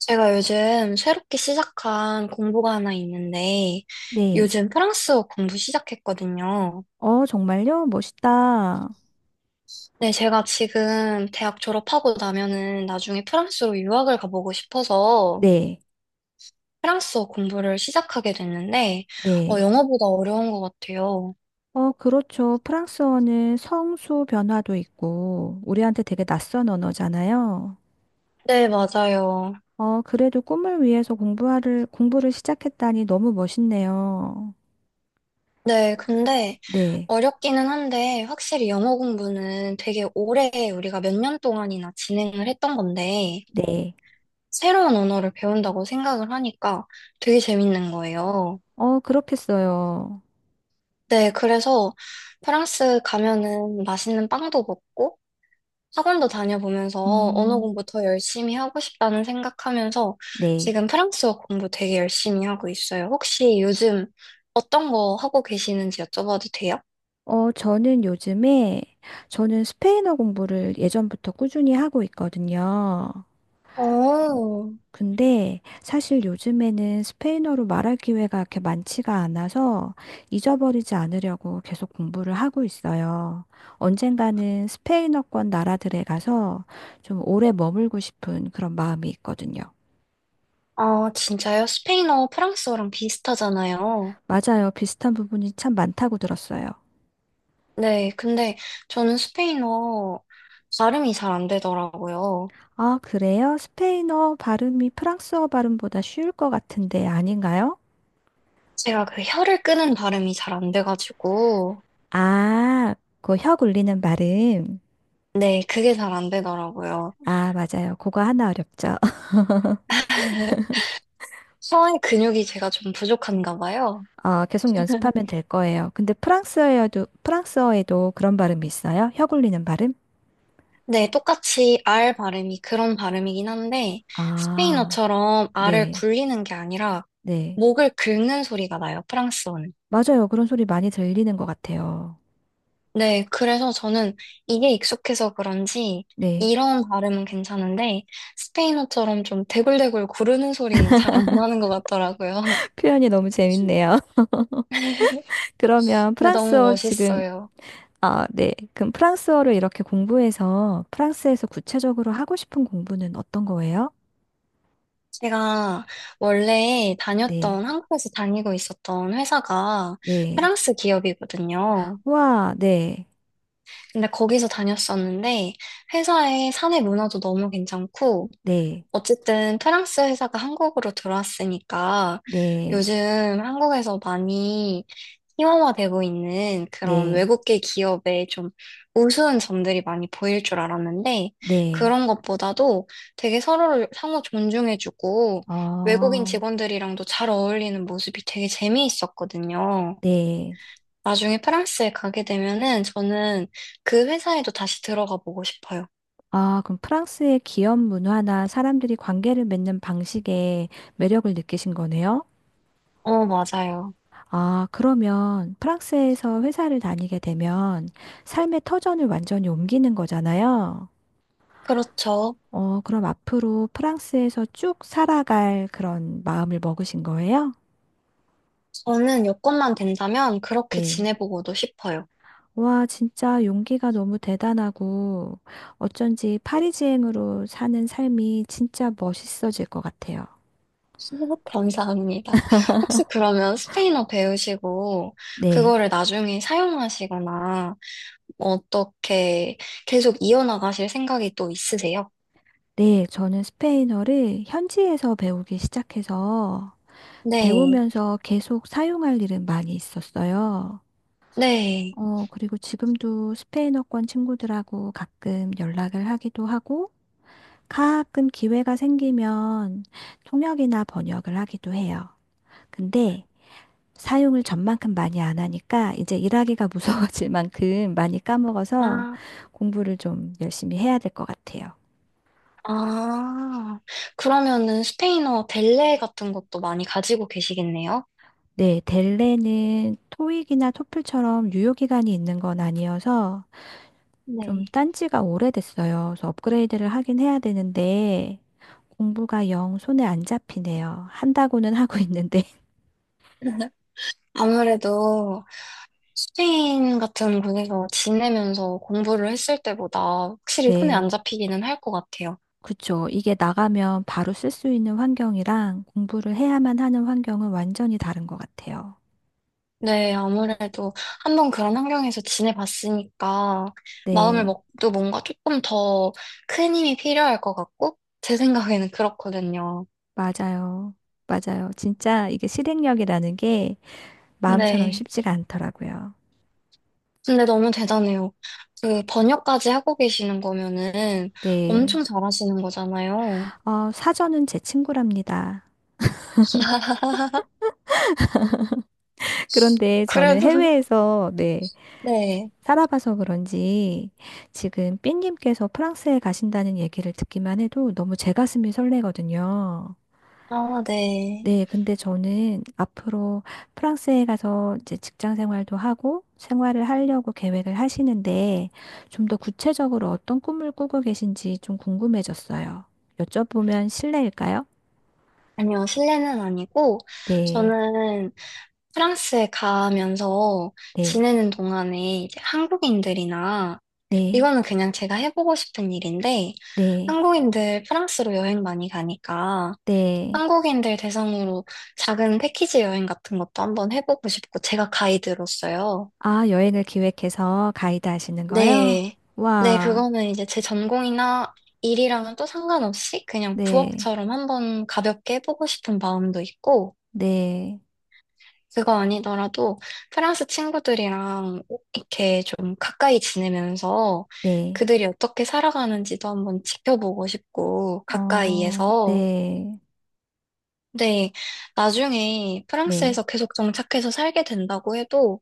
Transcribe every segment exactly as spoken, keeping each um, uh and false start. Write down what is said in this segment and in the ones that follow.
제가 요즘 새롭게 시작한 공부가 하나 있는데, 네. 요즘 프랑스어 공부 시작했거든요. 어, 정말요? 멋있다. 네, 제가 지금 대학 졸업하고 나면은 나중에 프랑스로 유학을 가보고 싶어서 네. 프랑스어 공부를 시작하게 됐는데, 어, 네. 영어보다 어려운 것 같아요. 어, 그렇죠. 프랑스어는 성수 변화도 있고, 우리한테 되게 낯선 언어잖아요. 네, 맞아요. 어, 그래도 꿈을 위해서 공부를, 공부를 시작했다니 너무 멋있네요. 네, 근데 네. 어렵기는 한데, 확실히 영어 공부는 되게 오래 우리가 몇 년 동안이나 진행을 했던 건데, 네. 새로운 언어를 배운다고 생각을 하니까 되게 재밌는 거예요. 어, 그렇겠어요. 네, 그래서 프랑스 가면은 맛있는 빵도 먹고 학원도 다녀보면서 언어 음, 공부 더 열심히 하고 싶다는 생각하면서 네. 지금 프랑스어 공부 되게 열심히 하고 있어요. 혹시 요즘 어떤 거 하고 계시는지 여쭤봐도 돼요? 어, 저는 요즘에, 저는 스페인어 공부를 예전부터 꾸준히 하고 있거든요. 어, 어, 근데 사실 요즘에는 스페인어로 말할 기회가 그렇게 많지가 않아서 잊어버리지 않으려고 계속 공부를 하고 있어요. 언젠가는 스페인어권 나라들에 가서 좀 오래 머물고 싶은 그런 마음이 있거든요. 아, 진짜요? 스페인어, 프랑스어랑 비슷하잖아요. 맞아요. 비슷한 부분이 참 많다고 들었어요. 네, 근데 저는 스페인어 발음이 잘 안 되더라고요. 아, 그래요? 스페인어 발음이 프랑스어 발음보다 쉬울 것 같은데 아닌가요? 제가 그 혀를 끄는 발음이 잘 안 돼가지고, 아, 그 혀 굴리는 발음. 네, 그게 잘 안 되더라고요. 아, 맞아요. 그거 하나 어렵죠. 혀의 근육이 제가 좀 부족한가 봐요. 어, 계속 연습하면 될 거예요. 근데 프랑스어에도, 프랑스어에도 그런 발음이 있어요? 혀 굴리는 발음? 네, 똑같이 R 발음이 그런 발음이긴 한데, 아, 스페인어처럼 R을 네, 굴리는 게 아니라, 네. 목을 긁는 소리가 나요, 프랑스어는. 맞아요. 그런 소리 많이 들리는 것 같아요. 네, 그래서 저는 이게 익숙해서 그런지, 네. 이런 발음은 괜찮은데, 스페인어처럼 좀 대굴대굴 구르는 소리는 잘 안 나는 것 같더라고요. 표현이 너무 재밌네요. 그러면 근데 너무 프랑스어 지금, 멋있어요. 아, 네. 그럼 프랑스어를 이렇게 공부해서 프랑스에서 구체적으로 하고 싶은 공부는 어떤 거예요? 제가 원래 네, 다녔던, 한국에서 다니고 있었던 회사가 네. 프랑스 기업이거든요. 와, 네, 근데 거기서 다녔었는데, 회사의 사내 문화도 너무 괜찮고, 네, 어쨌든 프랑스 회사가 한국으로 들어왔으니까 네, 요즘 한국에서 많이 희화화되고 있는 그런 네, 외국계 기업의 좀 우스운 점들이 많이 보일 줄 알았는데 네. 그런 것보다도 되게 서로를 상호 존중해주고 외국인 어, 직원들이랑도 잘 어울리는 모습이 되게 재미있었거든요. 네. 나중에 프랑스에 가게 되면은 저는 그 회사에도 다시 들어가 보고 싶어요. 아, 그럼 프랑스의 기업 문화나 사람들이 관계를 맺는 방식에 매력을 느끼신 거네요? 어, 맞아요. 아, 그러면 프랑스에서 회사를 다니게 되면 삶의 터전을 완전히 옮기는 거잖아요? 그렇죠. 어, 그럼 앞으로 프랑스에서 쭉 살아갈 그런 마음을 먹으신 거예요? 저는 여건만 된다면 그렇게 네. 지내보고도 싶어요. 와, 진짜 용기가 너무 대단하고 어쩐지 파리지앵으로 사는 삶이 진짜 멋있어질 것 같아요. 감사합니다. 혹시 그러면 스페인어 배우시고 네. 그거를 나중에 사용하시거나 어떻게 계속 이어나가실 생각이 또 있으세요? 네, 저는 스페인어를 현지에서 배우기 시작해서 네, 배우면서 계속 사용할 일은 많이 있었어요. 네. 어, 그리고 지금도 스페인어권 친구들하고 가끔 연락을 하기도 하고 가끔 기회가 생기면 통역이나 번역을 하기도 해요. 근데 사용을 전만큼 많이 안 하니까 이제 일하기가 무서워질 만큼 많이 까먹어서 아, 공부를 좀 열심히 해야 될 것 같아요. 아. 그러면은 스페인어 델레 같은 것도 많이 가지고 계시겠네요? 네, 델레는 토익이나 토플처럼 유효 기간이 있는 건 아니어서 좀 네. 딴지가 오래됐어요. 그래서 업그레이드를 하긴 해야 되는데 공부가 영 손에 안 잡히네요. 한다고는 하고 있는데. 아무래도 스페인 같은 곳에서 지내면서 공부를 했을 때보다 확실히 손에 안 네, 잡히기는 할 것 같아요. 그쵸. 이게 나가면 바로 쓸 수 있는 환경이랑 공부를 해야만 하는 환경은 완전히 다른 것 같아요. 네, 아무래도 한 번 그런 환경에서 지내봤으니까 마음을 네, 먹도 뭔가 조금 더 큰 힘이 필요할 것 같고, 제 생각에는 그렇거든요. 맞아요. 맞아요. 진짜 이게 실행력이라는 게 마음처럼 네. 쉽지가 않더라고요. 근데 너무 대단해요. 그 번역까지 하고 계시는 거면은 네. 엄청 잘하시는 거잖아요. 어, 사전은 제 친구랍니다. 그런데 저는 그래도, 해외에서, 네, 네. 살아봐서 그런지 지금 삐님께서 프랑스에 가신다는 얘기를 듣기만 해도 너무 제 가슴이 설레거든요. 아, 네. 네, 근데 저는 앞으로 프랑스에 가서 이제 직장 생활도 하고 생활을 하려고 계획을 하시는데 좀 더 구체적으로 어떤 꿈을 꾸고 계신지 좀 궁금해졌어요. 여쭤보면 실례일까요? 아니요, 실내는 아니고, 네, 저는 프랑스에 가면서 네, 지내는 동안에 이제 한국인들이나, 네, 이거는 그냥 제가 해보고 싶은 일인데, 네, 한국인들 프랑스로 여행 많이 가니까, 네. 한국인들 대상으로 작은 패키지 여행 같은 것도 한번 해보고 싶고, 제가 가이드로서요. 아, 여행을 기획해서 가이드 하시는 거요? 네. 네, 와, 그거는 이제 제 전공이나 일이랑은 또 상관없이 그냥 네, 부업처럼 한번 가볍게 해보고 싶은 마음도 있고, 네, 그거 아니더라도 프랑스 친구들이랑 이렇게 좀 가까이 지내면서 네, 그들이 어떻게 살아가는지도 한번 지켜보고 싶고 어, 가까이에서 네, 근데 나중에 네, 프랑스에서 계속 정착해서 살게 된다고 해도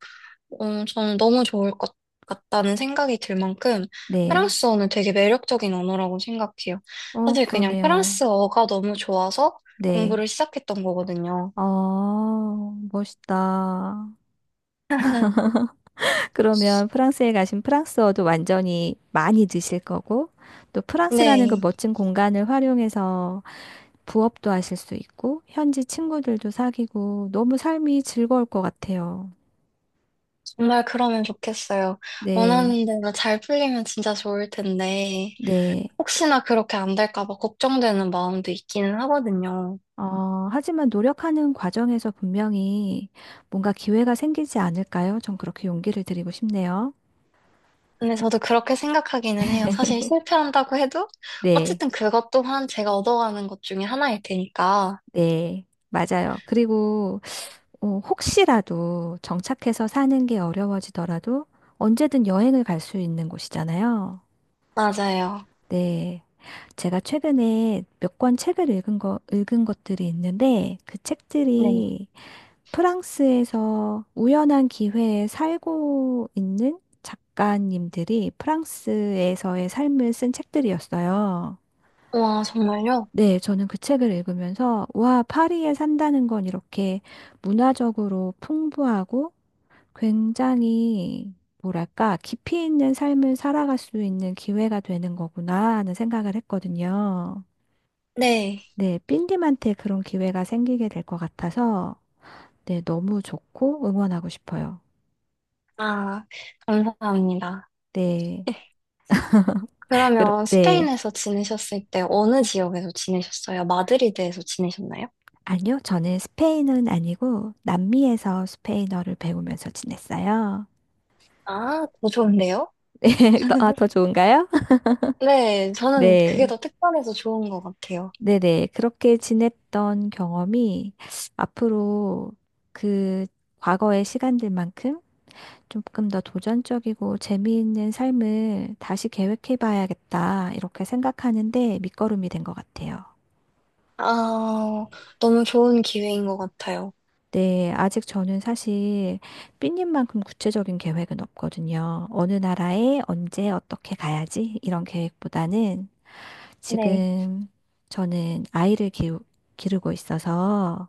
음, 저는 너무 좋을 것 같다는 생각이 들 만큼 네. 프랑스어는 되게 매력적인 언어라고 생각해요. 어, 사실 그냥 그러네요. 프랑스어가 너무 좋아서 네. 공부를 시작했던 거거든요. 어, 멋있다. 그러면 프랑스에 가신 프랑스어도 완전히 많이 드실 거고, 또 프랑스라는 그 네. 멋진 공간을 활용해서 부업도 하실 수 있고, 현지 친구들도 사귀고, 너무 삶이 즐거울 것 같아요. 정말 그러면 좋겠어요. 네, 원하는 대로 잘 풀리면 진짜 좋을 텐데, 네. 혹시나 그렇게 안 될까 봐 걱정되는 마음도 있기는 하거든요. 어, 하지만 노력하는 과정에서 분명히 뭔가 기회가 생기지 않을까요? 전 그렇게 용기를 드리고 싶네요. 근데 저도 그렇게 생각하기는 해요. 사실 실패한다고 해도, 네, 어쨌든 그것 또한 제가 얻어가는 것 중에 하나일 테니까. 네, 맞아요. 그리고 어, 혹시라도 정착해서 사는 게 어려워지더라도 언제든 여행을 갈 수 있는 곳이잖아요. 맞아요. 네, 제가 최근에 몇 권 책을 읽은 거, 읽은 것들이 있는데 그 네. 책들이 프랑스에서 우연한 기회에 살고 있는 작가님들이 프랑스에서의 삶을 쓴 책들이었어요. 와, 정말요? 네, 저는 그 책을 읽으면서, 와, 파리에 산다는 건 이렇게 문화적으로 풍부하고 굉장히, 뭐랄까, 깊이 있는 삶을 살아갈 수 있는 기회가 되는 거구나 하는 생각을 했거든요. 네. 네, 삔님한테 그런 기회가 생기게 될 것 같아서, 네, 너무 좋고 응원하고 싶어요. 아, 감사합니다. 네. 그럼, 그러면 네. 스페인에서 지내셨을 때 어느 지역에서 지내셨어요? 마드리드에서 지내셨나요? 아니요, 저는 스페인은 아니고 남미에서 스페인어를 배우면서 지냈어요. 아, 더 좋은데요? 네, 더, 아, 더 좋은가요? 네, 저는 그게 네, 더 특별해서 좋은 것 같아요. 네네. 그렇게 지냈던 경험이 앞으로 그 과거의 시간들만큼 조금 더 도전적이고 재미있는 삶을 다시 계획해 봐야겠다, 이렇게 생각하는데 밑거름이 된 것 같아요. 아, 너무 좋은 기회인 것 같아요. 네, 아직 저는 사실 삐님만큼 구체적인 계획은 없거든요. 어느 나라에 언제 어떻게 가야지 이런 계획보다는 네, 지금 저는 아이를 기르, 기르고 있어서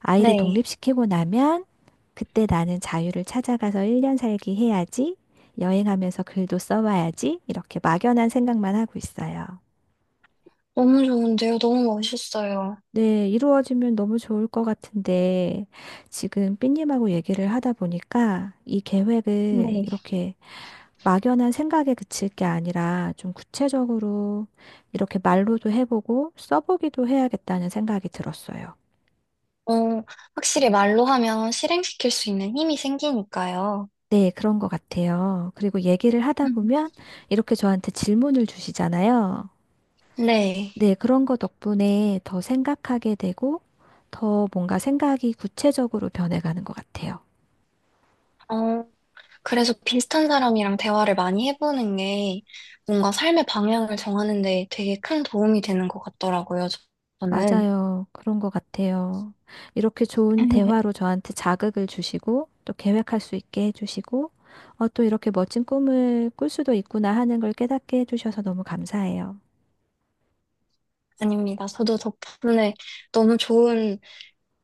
아이를 네, 독립시키고 나면 그때 나는 자유를 찾아가서 일 년 살기 해야지, 여행하면서 글도 써와야지 이렇게 막연한 생각만 하고 있어요. 너무 좋은데요. 너무 멋있어요. 네, 이루어지면 너무 좋을 것 같은데, 지금 삐님하고 얘기를 하다 보니까 이 계획을 네. 이렇게 막연한 생각에 그칠 게 아니라 좀 구체적으로 이렇게 말로도 해보고 써보기도 해야겠다는 생각이 들었어요. 어, 확실히 말로 하면 실행시킬 수 있는 힘이 생기니까요. 네, 그런 것 같아요. 그리고 얘기를 하다 음, 보면 이렇게 저한테 질문을 주시잖아요. 네. 네, 그런 거 덕분에 더 생각하게 되고 더 뭔가 생각이 구체적으로 변해가는 것 같아요. 어, 그래서 비슷한 사람이랑 대화를 많이 해보는 게 뭔가 삶의 방향을 정하는 데 되게 큰 도움이 되는 것 같더라고요, 저- 저는. 맞아요. 그런 것 같아요. 이렇게 좋은 대화로 저한테 자극을 주시고, 또 계획할 수 있게 해주시고, 어, 또 이렇게 멋진 꿈을 꿀 수도 있구나 하는 걸 깨닫게 해주셔서 너무 감사해요. 아닙니다. 저도 덕분에 너무 좋은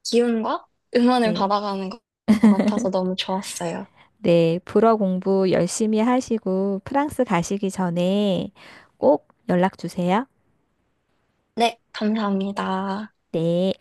기운과 응원을 네. 받아가는 것 같아서 너무 좋았어요. 네. 불어 공부 열심히 하시고, 프랑스 가시기 전에 꼭 연락 주세요. 네, 감사합니다. 네.